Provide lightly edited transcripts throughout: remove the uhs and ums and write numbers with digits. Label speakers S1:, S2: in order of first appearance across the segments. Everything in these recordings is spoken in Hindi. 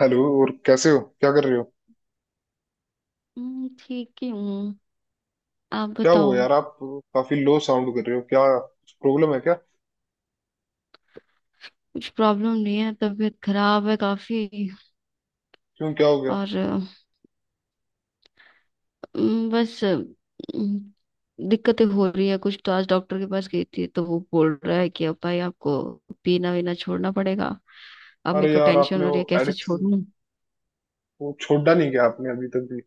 S1: हेलो, और कैसे हो? क्या कर रहे हो?
S2: ठीक ही हूँ। आप
S1: क्या हुआ
S2: बताओ।
S1: यार, आप काफी लो साउंड कर रहे हो? क्या प्रॉब्लम है क्या?
S2: कुछ प्रॉब्लम नहीं है, तबीयत खराब है काफी।
S1: क्यों, क्या हो गया?
S2: और बस दिक्कतें हो रही है कुछ। तो आज डॉक्टर के पास गई थी तो वो बोल रहा है कि अब भाई आपको पीना वीना छोड़ना पड़ेगा। अब मेरे
S1: अरे
S2: को
S1: यार,
S2: टेंशन
S1: आपने
S2: हो रही
S1: वो
S2: है कैसे
S1: एडिक्शन
S2: छोड़ूं।
S1: वो छोड़ा नहीं क्या आपने अभी तक भी?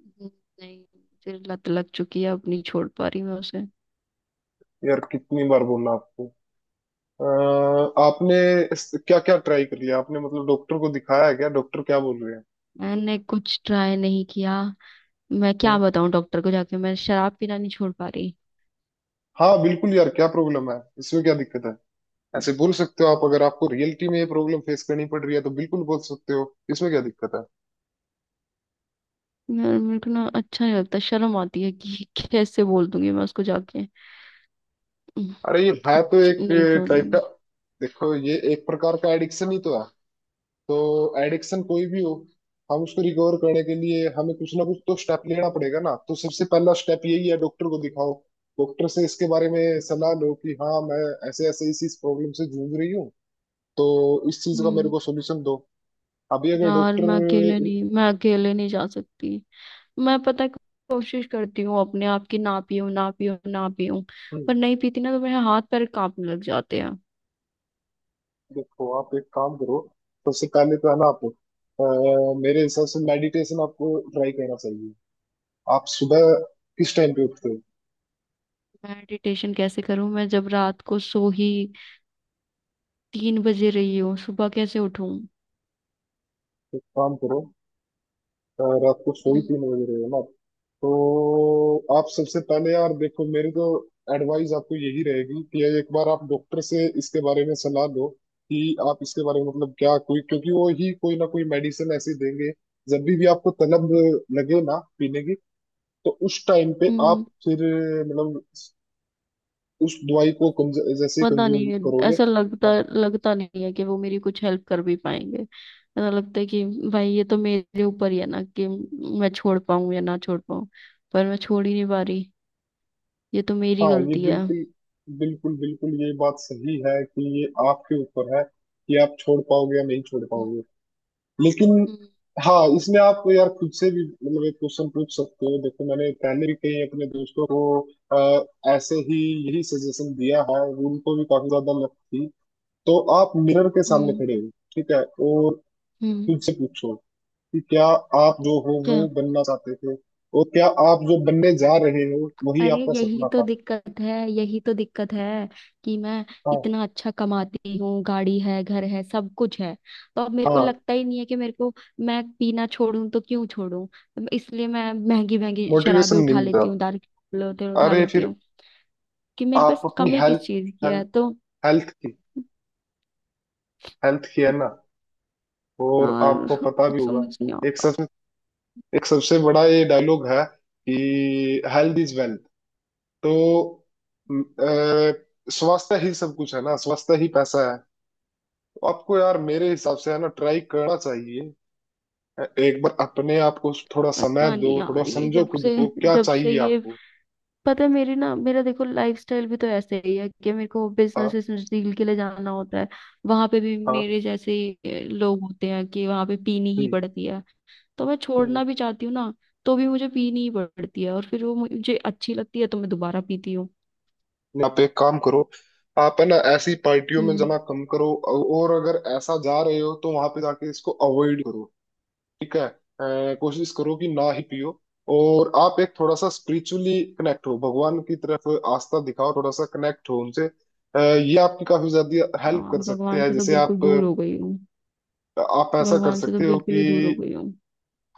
S2: हम्म, नहीं। फिर लत लग चुकी है, अब नहीं छोड़ पा रही मैं उसे।
S1: यार कितनी बार बोलना आपको। आपने क्या क्या ट्राई कर लिया आपने? मतलब डॉक्टर को दिखाया है क्या? डॉक्टर क्या बोल रहे हैं?
S2: मैंने कुछ ट्राई नहीं किया, मैं क्या
S1: हम्म?
S2: बताऊं डॉक्टर को जाके, मैं शराब पीना नहीं छोड़ पा रही।
S1: हाँ बिल्कुल यार, क्या प्रॉब्लम है इसमें, क्या दिक्कत है? ऐसे बोल सकते हो आप। अगर आपको रियलिटी में ये प्रॉब्लम फेस करनी पड़ रही है तो बिल्कुल बोल सकते हो, इसमें क्या दिक्कत है?
S2: यार मेरे को ना अच्छा नहीं लगता, शर्म आती है कि कैसे बोल दूंगी मैं उसको जाके। हम्म,
S1: अरे ये है तो
S2: कुछ
S1: एक
S2: नहीं समझ में
S1: टाइप का।
S2: आना।
S1: देखो, ये एक प्रकार का एडिक्शन ही तो है। तो एडिक्शन कोई भी हो, हम उसको रिकवर करने के लिए हमें कुछ ना कुछ तो स्टेप लेना पड़ेगा ना। तो सबसे पहला स्टेप यही है, डॉक्टर को दिखाओ। डॉक्टर से इसके बारे में सलाह लो कि हाँ मैं ऐसे ऐसे इस प्रॉब्लम से जूझ रही हूँ। तो इस चीज का मेरे
S2: हम्म।
S1: को सोल्यूशन दो। अभी अगर
S2: यार
S1: डॉक्टर,
S2: मैं अकेले नहीं जा सकती। मैं पता है, कोशिश करती हूँ अपने आप की, ना पीऊं ना पीऊं ना पीऊं। पर नहीं पीती ना तो मेरे हाथ पैर कांपने लग जाते हैं।
S1: देखो आप एक काम करो। सबसे पहले तो है ना, आप मेरे हिसाब से मेडिटेशन आपको ट्राई करना चाहिए। आप सुबह किस टाइम पे उठते हो?
S2: मेडिटेशन कैसे करूं मैं जब रात को सो ही 3 बजे रही हूँ, सुबह कैसे उठूं।
S1: तो एक काम करो, रात को सो ही
S2: हम्म,
S1: 3 बजे रहे हो ना? तो आप सबसे पहले यार, देखो मेरी तो एडवाइस आपको यही रहेगी कि एक बार आप डॉक्टर से इसके बारे में सलाह लो कि आप इसके बारे में मतलब क्या कोई, क्योंकि वो ही कोई ना कोई मेडिसिन ऐसी देंगे जब भी आपको तलब लगे ना पीने की, तो उस टाइम पे
S2: हम्म।
S1: आप फिर मतलब उस दवाई को जैसे
S2: पता नहीं
S1: कंज्यूम
S2: है।
S1: करोगे,
S2: ऐसा लगता
S1: हाँ।
S2: लगता नहीं है कि वो मेरी कुछ हेल्प कर भी पाएंगे। ऐसा लगता है कि भाई ये तो मेरे ऊपर ही है ना कि मैं छोड़ पाऊं या ना छोड़ पाऊं। पर मैं छोड़ ही नहीं पा रही, ये तो मेरी
S1: हाँ ये
S2: गलती है।
S1: बिल्कुल बिल्कुल बिल्कुल ये बात सही है कि ये आपके ऊपर है कि आप छोड़ पाओगे या नहीं छोड़
S2: हम्म,
S1: पाओगे। लेकिन
S2: हम्म,
S1: हाँ, इसमें आप यार खुद से भी मतलब एक क्वेश्चन पूछ सकते हो। देखो मैंने पहले भी कई अपने दोस्तों को ऐसे ही यही सजेशन दिया है। उनको भी काफी ज्यादा लत थी। तो आप मिरर के सामने
S2: हम्म,
S1: खड़े हो, ठीक है? और
S2: हम्म।
S1: खुद से पूछो कि क्या आप जो हो
S2: क्या?
S1: वो बनना चाहते थे, और क्या आप जो बनने जा रहे हो वही
S2: अरे
S1: आपका
S2: यही
S1: सपना
S2: तो
S1: था?
S2: दिक्कत है, यही तो दिक्कत है कि मैं
S1: हाँ,
S2: इतना अच्छा कमाती हूँ, गाड़ी है, घर है, सब कुछ है। तो अब मेरे को
S1: हाँ,
S2: लगता ही नहीं है कि मेरे को, मैं पीना छोड़ूं तो क्यों छोड़ूं। इसलिए मैं महंगी महंगी
S1: मोटिवेशन
S2: शराबें
S1: नहीं
S2: उठा
S1: मिल रहा।
S2: लेती हूँ, दारू के लोटे उठा
S1: अरे
S2: लेती
S1: फिर
S2: हूँ कि मेरे
S1: आप
S2: पास
S1: अपनी
S2: कमी किस
S1: हेल्थ,
S2: चीज की
S1: हेल्थ,
S2: है तो।
S1: हेल्थ की, हेल्थ की है ना? और आपको
S2: यार
S1: पता भी
S2: कुछ
S1: होगा,
S2: समझ नहीं
S1: एक
S2: आता।
S1: सबसे एक सबसे बड़ा ये डायलॉग है कि हेल्थ इज वेल्थ। तो स्वास्थ्य ही सब कुछ है ना, स्वास्थ्य ही पैसा है। तो आपको यार मेरे हिसाब से है ना ट्राई करना चाहिए। एक बार अपने आप को थोड़ा समय
S2: पता नहीं
S1: दो, थोड़ा
S2: यार, ये
S1: समझो
S2: जब से
S1: खुद को क्या
S2: जब से
S1: चाहिए
S2: ये
S1: आपको।
S2: पता है, मेरी ना मेरा देखो लाइफस्टाइल भी तो ऐसे ही है कि मेरे को
S1: हाँ,
S2: बिजनेस बिजनेस डील के लिए जाना होता है। वहां पे भी
S1: हाँ,
S2: मेरे जैसे ही, लोग होते हैं कि वहां पे पीनी ही
S1: हम्म,
S2: पड़ती है। तो मैं
S1: हम्म।
S2: छोड़ना भी चाहती हूँ ना, तो भी मुझे पीनी ही पड़ती है और फिर वो मुझे अच्छी लगती है तो मैं दोबारा पीती हूँ।
S1: आप एक काम करो, आप है ना ऐसी पार्टियों में
S2: हम्म।
S1: जाना कम करो। और अगर ऐसा जा रहे हो तो वहां पे जाके इसको अवॉइड करो। ठीक है, कोशिश करो कि ना ही पियो। और आप एक थोड़ा सा स्पिरिचुअली कनेक्ट हो भगवान की तरफ। आस्था दिखाओ थोड़ा सा, कनेक्ट हो उनसे। ये आपकी काफी ज्यादा हेल्प
S2: हाँ,
S1: कर सकते
S2: भगवान
S1: हैं।
S2: से तो
S1: जैसे
S2: बिल्कुल
S1: आप
S2: दूर हो गई हूँ,
S1: आप ऐसा कर
S2: भगवान से तो
S1: सकते हो
S2: बिल्कुल
S1: कि
S2: ही दूर हो गई हूँ।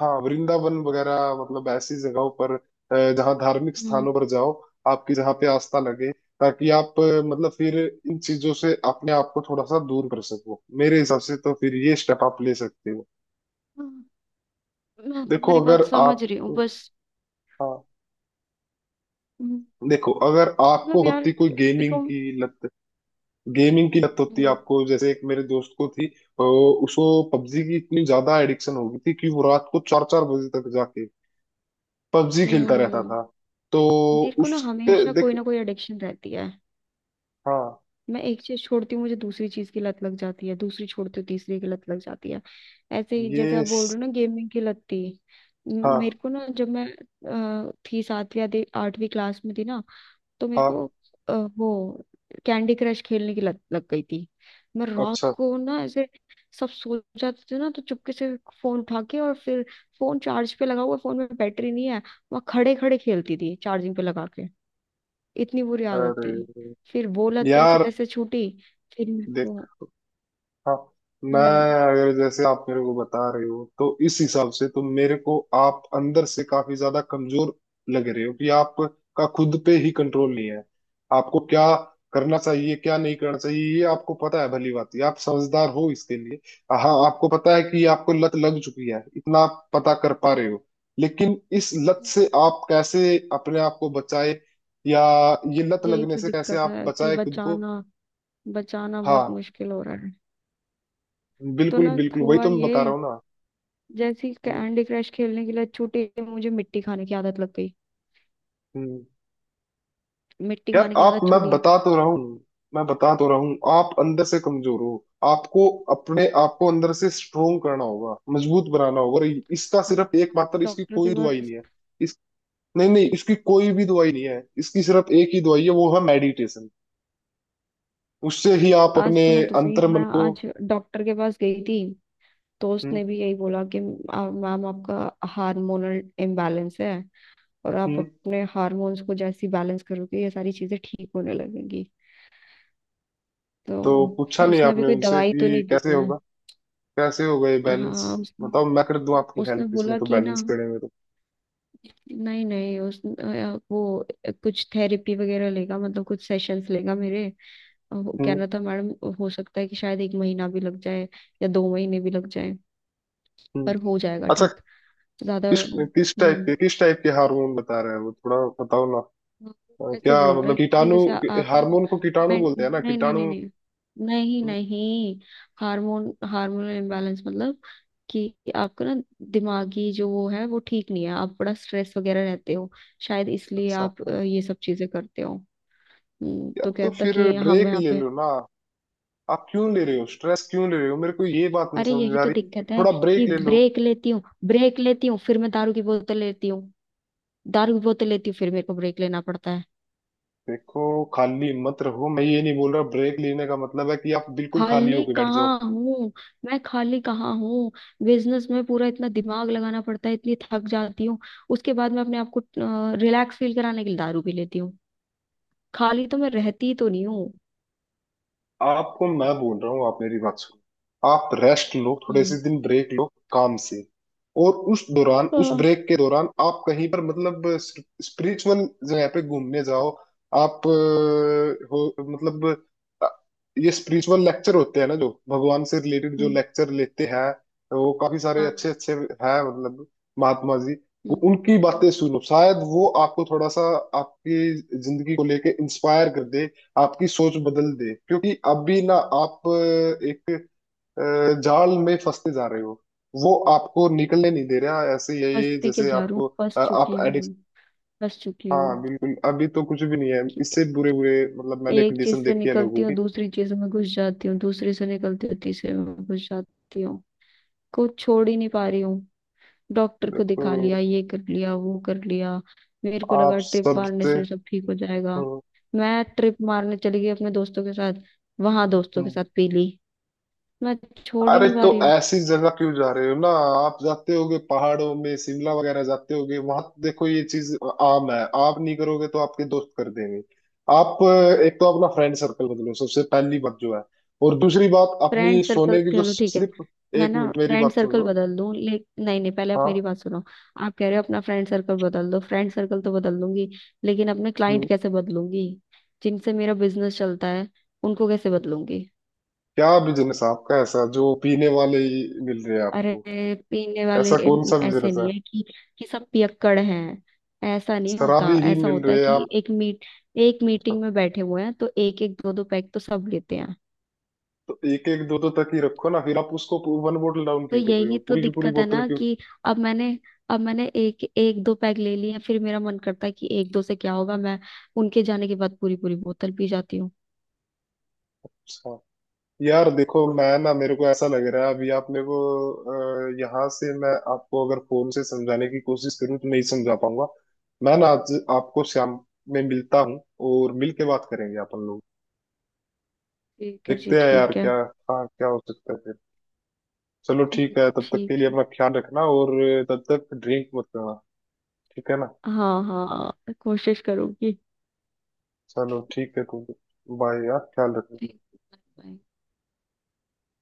S1: हाँ, वृंदावन वगैरह मतलब ऐसी जगहों पर, जहाँ धार्मिक
S2: हम्म।
S1: स्थानों पर जाओ, आपकी जहाँ पे आस्था लगे, ताकि आप मतलब फिर इन चीजों से अपने आप को थोड़ा सा दूर कर सको। मेरे हिसाब से तो फिर ये स्टेप आप ले सकते हो।
S2: हाँ, मैं
S1: देखो
S2: तुम्हारी बात
S1: अगर
S2: समझ
S1: आप,
S2: रही हूँ बस।
S1: हाँ
S2: हम्म,
S1: देखो, अगर आपको
S2: मतलब यार
S1: होती कोई गेमिंग
S2: देखो।
S1: की लत, गेमिंग की लत होती
S2: हम्म,
S1: आपको, जैसे एक मेरे दोस्त को थी, उसको पबजी की इतनी ज्यादा एडिक्शन हो गई थी कि वो रात को 4-4 बजे तक जाके पबजी खेलता
S2: हम्म,
S1: रहता था। तो
S2: मेरे को ना
S1: उसके
S2: हमेशा
S1: देख
S2: कोई ना कोई एडिक्शन रहती है।
S1: हाँ,
S2: मैं एक चीज छोड़ती हूँ मुझे दूसरी चीज की लत लग जाती है, दूसरी छोड़ती हूँ तीसरी की लत लग जाती है। ऐसे ही जैसे
S1: ये
S2: आप बोल
S1: स-
S2: रहे हो ना, गेमिंग की लत थी।
S1: हाँ,
S2: मेरे को ना जब मैं थी, 7वीं या 8वीं क्लास में थी ना, तो मेरे
S1: हाँ,
S2: को वो कैंडी क्रश खेलने की लत लग गई थी। मैं रात
S1: अच्छा,
S2: को ना, ऐसे सब सो जाते थे ना तो चुपके से फोन उठा के, और फिर फोन चार्ज पे लगा हुआ, फोन में बैटरी नहीं है, वहां खड़े खड़े खेलती थी चार्जिंग पे लगा के। इतनी बुरी आदत थी।
S1: अरे
S2: फिर वो लत जैसे
S1: यार
S2: तैसे छूटी। फिर मेरे
S1: देख
S2: को।
S1: हाँ, मैं
S2: हम्म,
S1: अगर जैसे आप मेरे को बता रहे हो तो इस हिसाब से तो मेरे को आप अंदर से काफी ज्यादा कमजोर लग रहे हो कि आपका खुद पे ही कंट्रोल नहीं है। आपको क्या करना चाहिए क्या नहीं करना चाहिए ये आपको पता है, भली बात ही आप समझदार हो इसके लिए। हाँ आपको पता है कि ये आपको लत लग चुकी है, इतना आप पता कर पा रहे हो। लेकिन इस लत
S2: हम्म,
S1: से आप कैसे अपने आप को बचाए, या ये लत
S2: यही
S1: लगने
S2: तो
S1: से कैसे
S2: दिक्कत
S1: आप
S2: है कि
S1: बचाए खुद को?
S2: बचाना, बचाना बहुत
S1: हाँ
S2: मुश्किल हो रहा है। तो
S1: बिल्कुल
S2: ना
S1: बिल्कुल वही
S2: हुआ
S1: तो मैं
S2: ये,
S1: बता रहा हूँ ना।
S2: जैसे
S1: हम्म,
S2: कैंडी क्रश खेलने की लत छूटी मुझे मिट्टी खाने की आदत लग गई।
S1: हम्म।
S2: मिट्टी
S1: यार
S2: खाने की
S1: आप,
S2: आदत
S1: मैं
S2: छोड़ी।
S1: बता तो रहा हूँ, मैं बता तो रहा हूँ, आप अंदर से कमजोर हो। आपको अपने आप को अंदर से स्ट्रोंग करना होगा, मजबूत बनाना होगा। और इसका
S2: आज-
S1: सिर्फ
S2: आज मैं
S1: एकमात्र, इसकी
S2: डॉक्टर के
S1: कोई दवाई
S2: पास।
S1: नहीं है। इस नहीं नहीं, इसकी कोई भी दवाई नहीं है, इसकी सिर्फ एक ही दवाई है, वो है मेडिटेशन। उससे ही आप
S2: आज
S1: अपने
S2: सुनो तो सही, मैं
S1: अंतर्मन को,
S2: आज डॉक्टर के पास गई थी तो
S1: हम्म,
S2: उसने भी यही बोला कि मैम, आपका हार्मोनल इम्बैलेंस है, और आप
S1: हम्म।
S2: अपने हार्मोन्स को जैसे बैलेंस करोगे ये सारी चीजें ठीक होने लगेंगी।
S1: तो पूछा
S2: तो
S1: नहीं
S2: उसने अभी
S1: आपने
S2: कोई
S1: उनसे
S2: दवाई तो
S1: कि
S2: नहीं दी
S1: कैसे
S2: है।
S1: होगा? कैसे होगा ये बैलेंस?
S2: हाँ, उसने
S1: बताओ, मैं कर दूं आपकी
S2: उसने
S1: हेल्प इसमें,
S2: बोला
S1: तो
S2: कि ना,
S1: बैलेंस करने में तो,
S2: नहीं नहीं, वो कुछ थेरेपी वगैरह लेगा, मतलब कुछ सेशंस लेगा मेरे। वो कह
S1: हम्म,
S2: रहा था मैडम, हो सकता है कि शायद 1 महीना भी लग जाए या 2 महीने भी लग जाए,
S1: हम्म,
S2: पर हो जाएगा
S1: अच्छा।
S2: ठीक। ज्यादा।
S1: किस
S2: हम्म।
S1: किस टाइप के हार्मोन बता रहे हैं वो? थोड़ा बताओ ना।
S2: आप ऐसे
S1: क्या
S2: बोल रहे
S1: मतलब
S2: हैं कि
S1: कीटाणु?
S2: जैसे आप ना,
S1: हार्मोन को कीटाणु
S2: मैं।
S1: बोलते हैं ना,
S2: नहीं नहीं
S1: कीटाणु?
S2: नहीं नहीं। नहीं
S1: हम्म,
S2: नहीं। हार्मोनल इम्बैलेंस, मतलब कि आपका ना, दिमागी जो वो है वो ठीक नहीं है, आप बड़ा स्ट्रेस वगैरह रहते हो, शायद इसलिए
S1: अच्छा।
S2: आप ये सब चीजें करते हो। तो
S1: यार तो
S2: कहता
S1: फिर
S2: कि हम
S1: ब्रेक
S2: यहाँ
S1: ले
S2: पे।
S1: लो ना। आप क्यों ले रहे हो स्ट्रेस? क्यों ले रहे हो? मेरे को ये बात नहीं
S2: अरे
S1: समझ
S2: यही
S1: में आ
S2: तो
S1: रही,
S2: दिक्कत है
S1: थोड़ा
S2: कि
S1: ब्रेक ले लो।
S2: ब्रेक लेती हूँ। ब्रेक लेती हूँ फिर मैं दारू की बोतल लेती हूँ, दारू की बोतल लेती हूँ फिर मेरे को ब्रेक लेना पड़ता है।
S1: देखो, खाली मत रहो, मैं ये नहीं बोल रहा ब्रेक लेने का मतलब है कि आप बिल्कुल खाली
S2: खाली
S1: होके बैठ जाओ।
S2: कहाँ हूँ, मैं खाली कहाँ हूँ। बिजनेस में पूरा इतना दिमाग लगाना पड़ता है, इतनी थक जाती हूँ। उसके बाद मैं अपने आप को रिलैक्स फील कराने के लिए दारू पी लेती हूँ। खाली तो मैं रहती तो नहीं हूँ।
S1: आपको मैं बोल रहा हूँ, आप मेरी बात सुनो। आप रेस्ट लो, थोड़े से
S2: हम्म।
S1: दिन ब्रेक लो काम से। और उस दौरान, उस
S2: हाँ।
S1: ब्रेक के दौरान आप कहीं पर मतलब स्पिरिचुअल जगह पे घूमने जाओ। आप हो मतलब, अ, ये स्पिरिचुअल लेक्चर होते हैं ना जो भगवान से रिलेटेड जो
S2: हम्म,
S1: लेक्चर लेते हैं, वो काफी सारे अच्छे
S2: हाँ।
S1: अच्छे हैं मतलब। महात्मा जी, वो
S2: हम्म।
S1: उनकी बातें सुनो, शायद वो आपको थोड़ा सा, आपकी जिंदगी को लेके इंस्पायर कर दे, आपकी सोच बदल दे। क्योंकि अभी ना, आप एक जाल में फंसते जा रहे हो, वो आपको निकलने नहीं दे रहा। ऐसे यही
S2: मस्ती के
S1: जैसे
S2: झाड़ू
S1: आपको,
S2: फंस
S1: आप
S2: चुकी
S1: एडिक्ट,
S2: हूँ, फंस चुकी हूँ
S1: हाँ बिल्कुल, अभी तो कुछ भी नहीं है।
S2: कि
S1: इससे बुरे बुरे मतलब मैंने
S2: एक चीज
S1: कंडीशन
S2: से
S1: देखी है
S2: निकलती
S1: लोगों
S2: हूँ
S1: की।
S2: दूसरी चीज में घुस जाती हूँ, दूसरी से निकलती हूँ तीसरे में घुस जाती हूँ। कुछ छोड़ ही नहीं पा रही हूँ। डॉक्टर को दिखा लिया,
S1: देखो,
S2: ये कर लिया, वो कर लिया। मेरे को
S1: आप
S2: लगा ट्रिप मारने
S1: सबसे,
S2: से सब ठीक हो जाएगा।
S1: हम्म,
S2: मैं ट्रिप मारने चली गई अपने दोस्तों के साथ, वहां दोस्तों के साथ पी ली। मैं छोड़ ही
S1: अरे
S2: नहीं पा
S1: तो
S2: रही हूँ।
S1: ऐसी जगह क्यों जा रहे हो ना? आप जाते होगे पहाड़ों में, शिमला वगैरह जाते होगे, वहां देखो ये चीज आम है। आप नहीं करोगे तो आपके दोस्त कर देंगे। आप एक तो अपना फ्रेंड सर्कल बदलो सबसे पहली बात जो है। और दूसरी बात अपनी
S2: फ्रेंड सर्कल
S1: सोने की जो
S2: चलो ठीक है,
S1: स्लिप,
S2: मैं
S1: एक
S2: ना
S1: मिनट मेरी
S2: फ्रेंड
S1: बात सुन
S2: सर्कल
S1: लो।
S2: बदल दूं ले। नहीं नहीं, पहले आप मेरी
S1: हाँ,
S2: बात सुनो। आप कह रहे हो अपना फ्रेंड सर्कल बदल दो, फ्रेंड सर्कल तो बदल दूंगी, लेकिन अपने क्लाइंट
S1: हम्म।
S2: कैसे बदलूंगी, जिनसे मेरा बिजनेस चलता है, उनको कैसे बदलूंगी।
S1: क्या बिजनेस आपका ऐसा जो पीने वाले ही मिल रहे हैं
S2: अरे
S1: आपको?
S2: पीने वाले
S1: ऐसा कौन सा
S2: ऐसे
S1: बिजनेस
S2: नहीं
S1: है?
S2: है कि सब पियक्कड़ हैं। ऐसा नहीं होता,
S1: शराबी ही
S2: ऐसा
S1: मिल
S2: होता है
S1: रहे हैं
S2: कि
S1: आप?
S2: एक मीटिंग में बैठे हुए हैं तो एक एक दो दो पैक तो सब लेते हैं।
S1: तो एक एक दो दो तक ही रखो ना, फिर आप उसको वन बोतल डाउन
S2: तो
S1: क्यों कर रहे हो
S2: यही तो
S1: पूरी की पूरी
S2: दिक्कत है
S1: बोतल?
S2: ना कि अब मैंने अब मैंने एक एक दो पैक ले लिए हैं, फिर मेरा मन करता है कि एक दो से क्या होगा, मैं उनके जाने के बाद पूरी पूरी बोतल पी जाती हूँ।
S1: अच्छा। यार देखो, मैं ना मेरे को ऐसा लग रहा है अभी, आप मेरे को यहाँ से मैं आपको अगर फोन से समझाने की कोशिश करूँ तो नहीं समझा पाऊंगा। मैं ना आज आपको शाम में मिलता हूँ, और मिल के बात करेंगे अपन लोग।
S2: ठीक है जी,
S1: देखते हैं यार
S2: ठीक है।
S1: क्या, हाँ क्या हो सकता है फिर। चलो
S2: हम्म,
S1: ठीक है, तब तक के
S2: ठीक
S1: लिए
S2: है।
S1: अपना ख्याल रखना। और तब तक ड्रिंक मत करना, ठीक है ना?
S2: हाँ हाँ, कोशिश करूंगी।
S1: चलो ठीक है तो, बाय यार, ख्याल रखना।
S2: Bye, bye.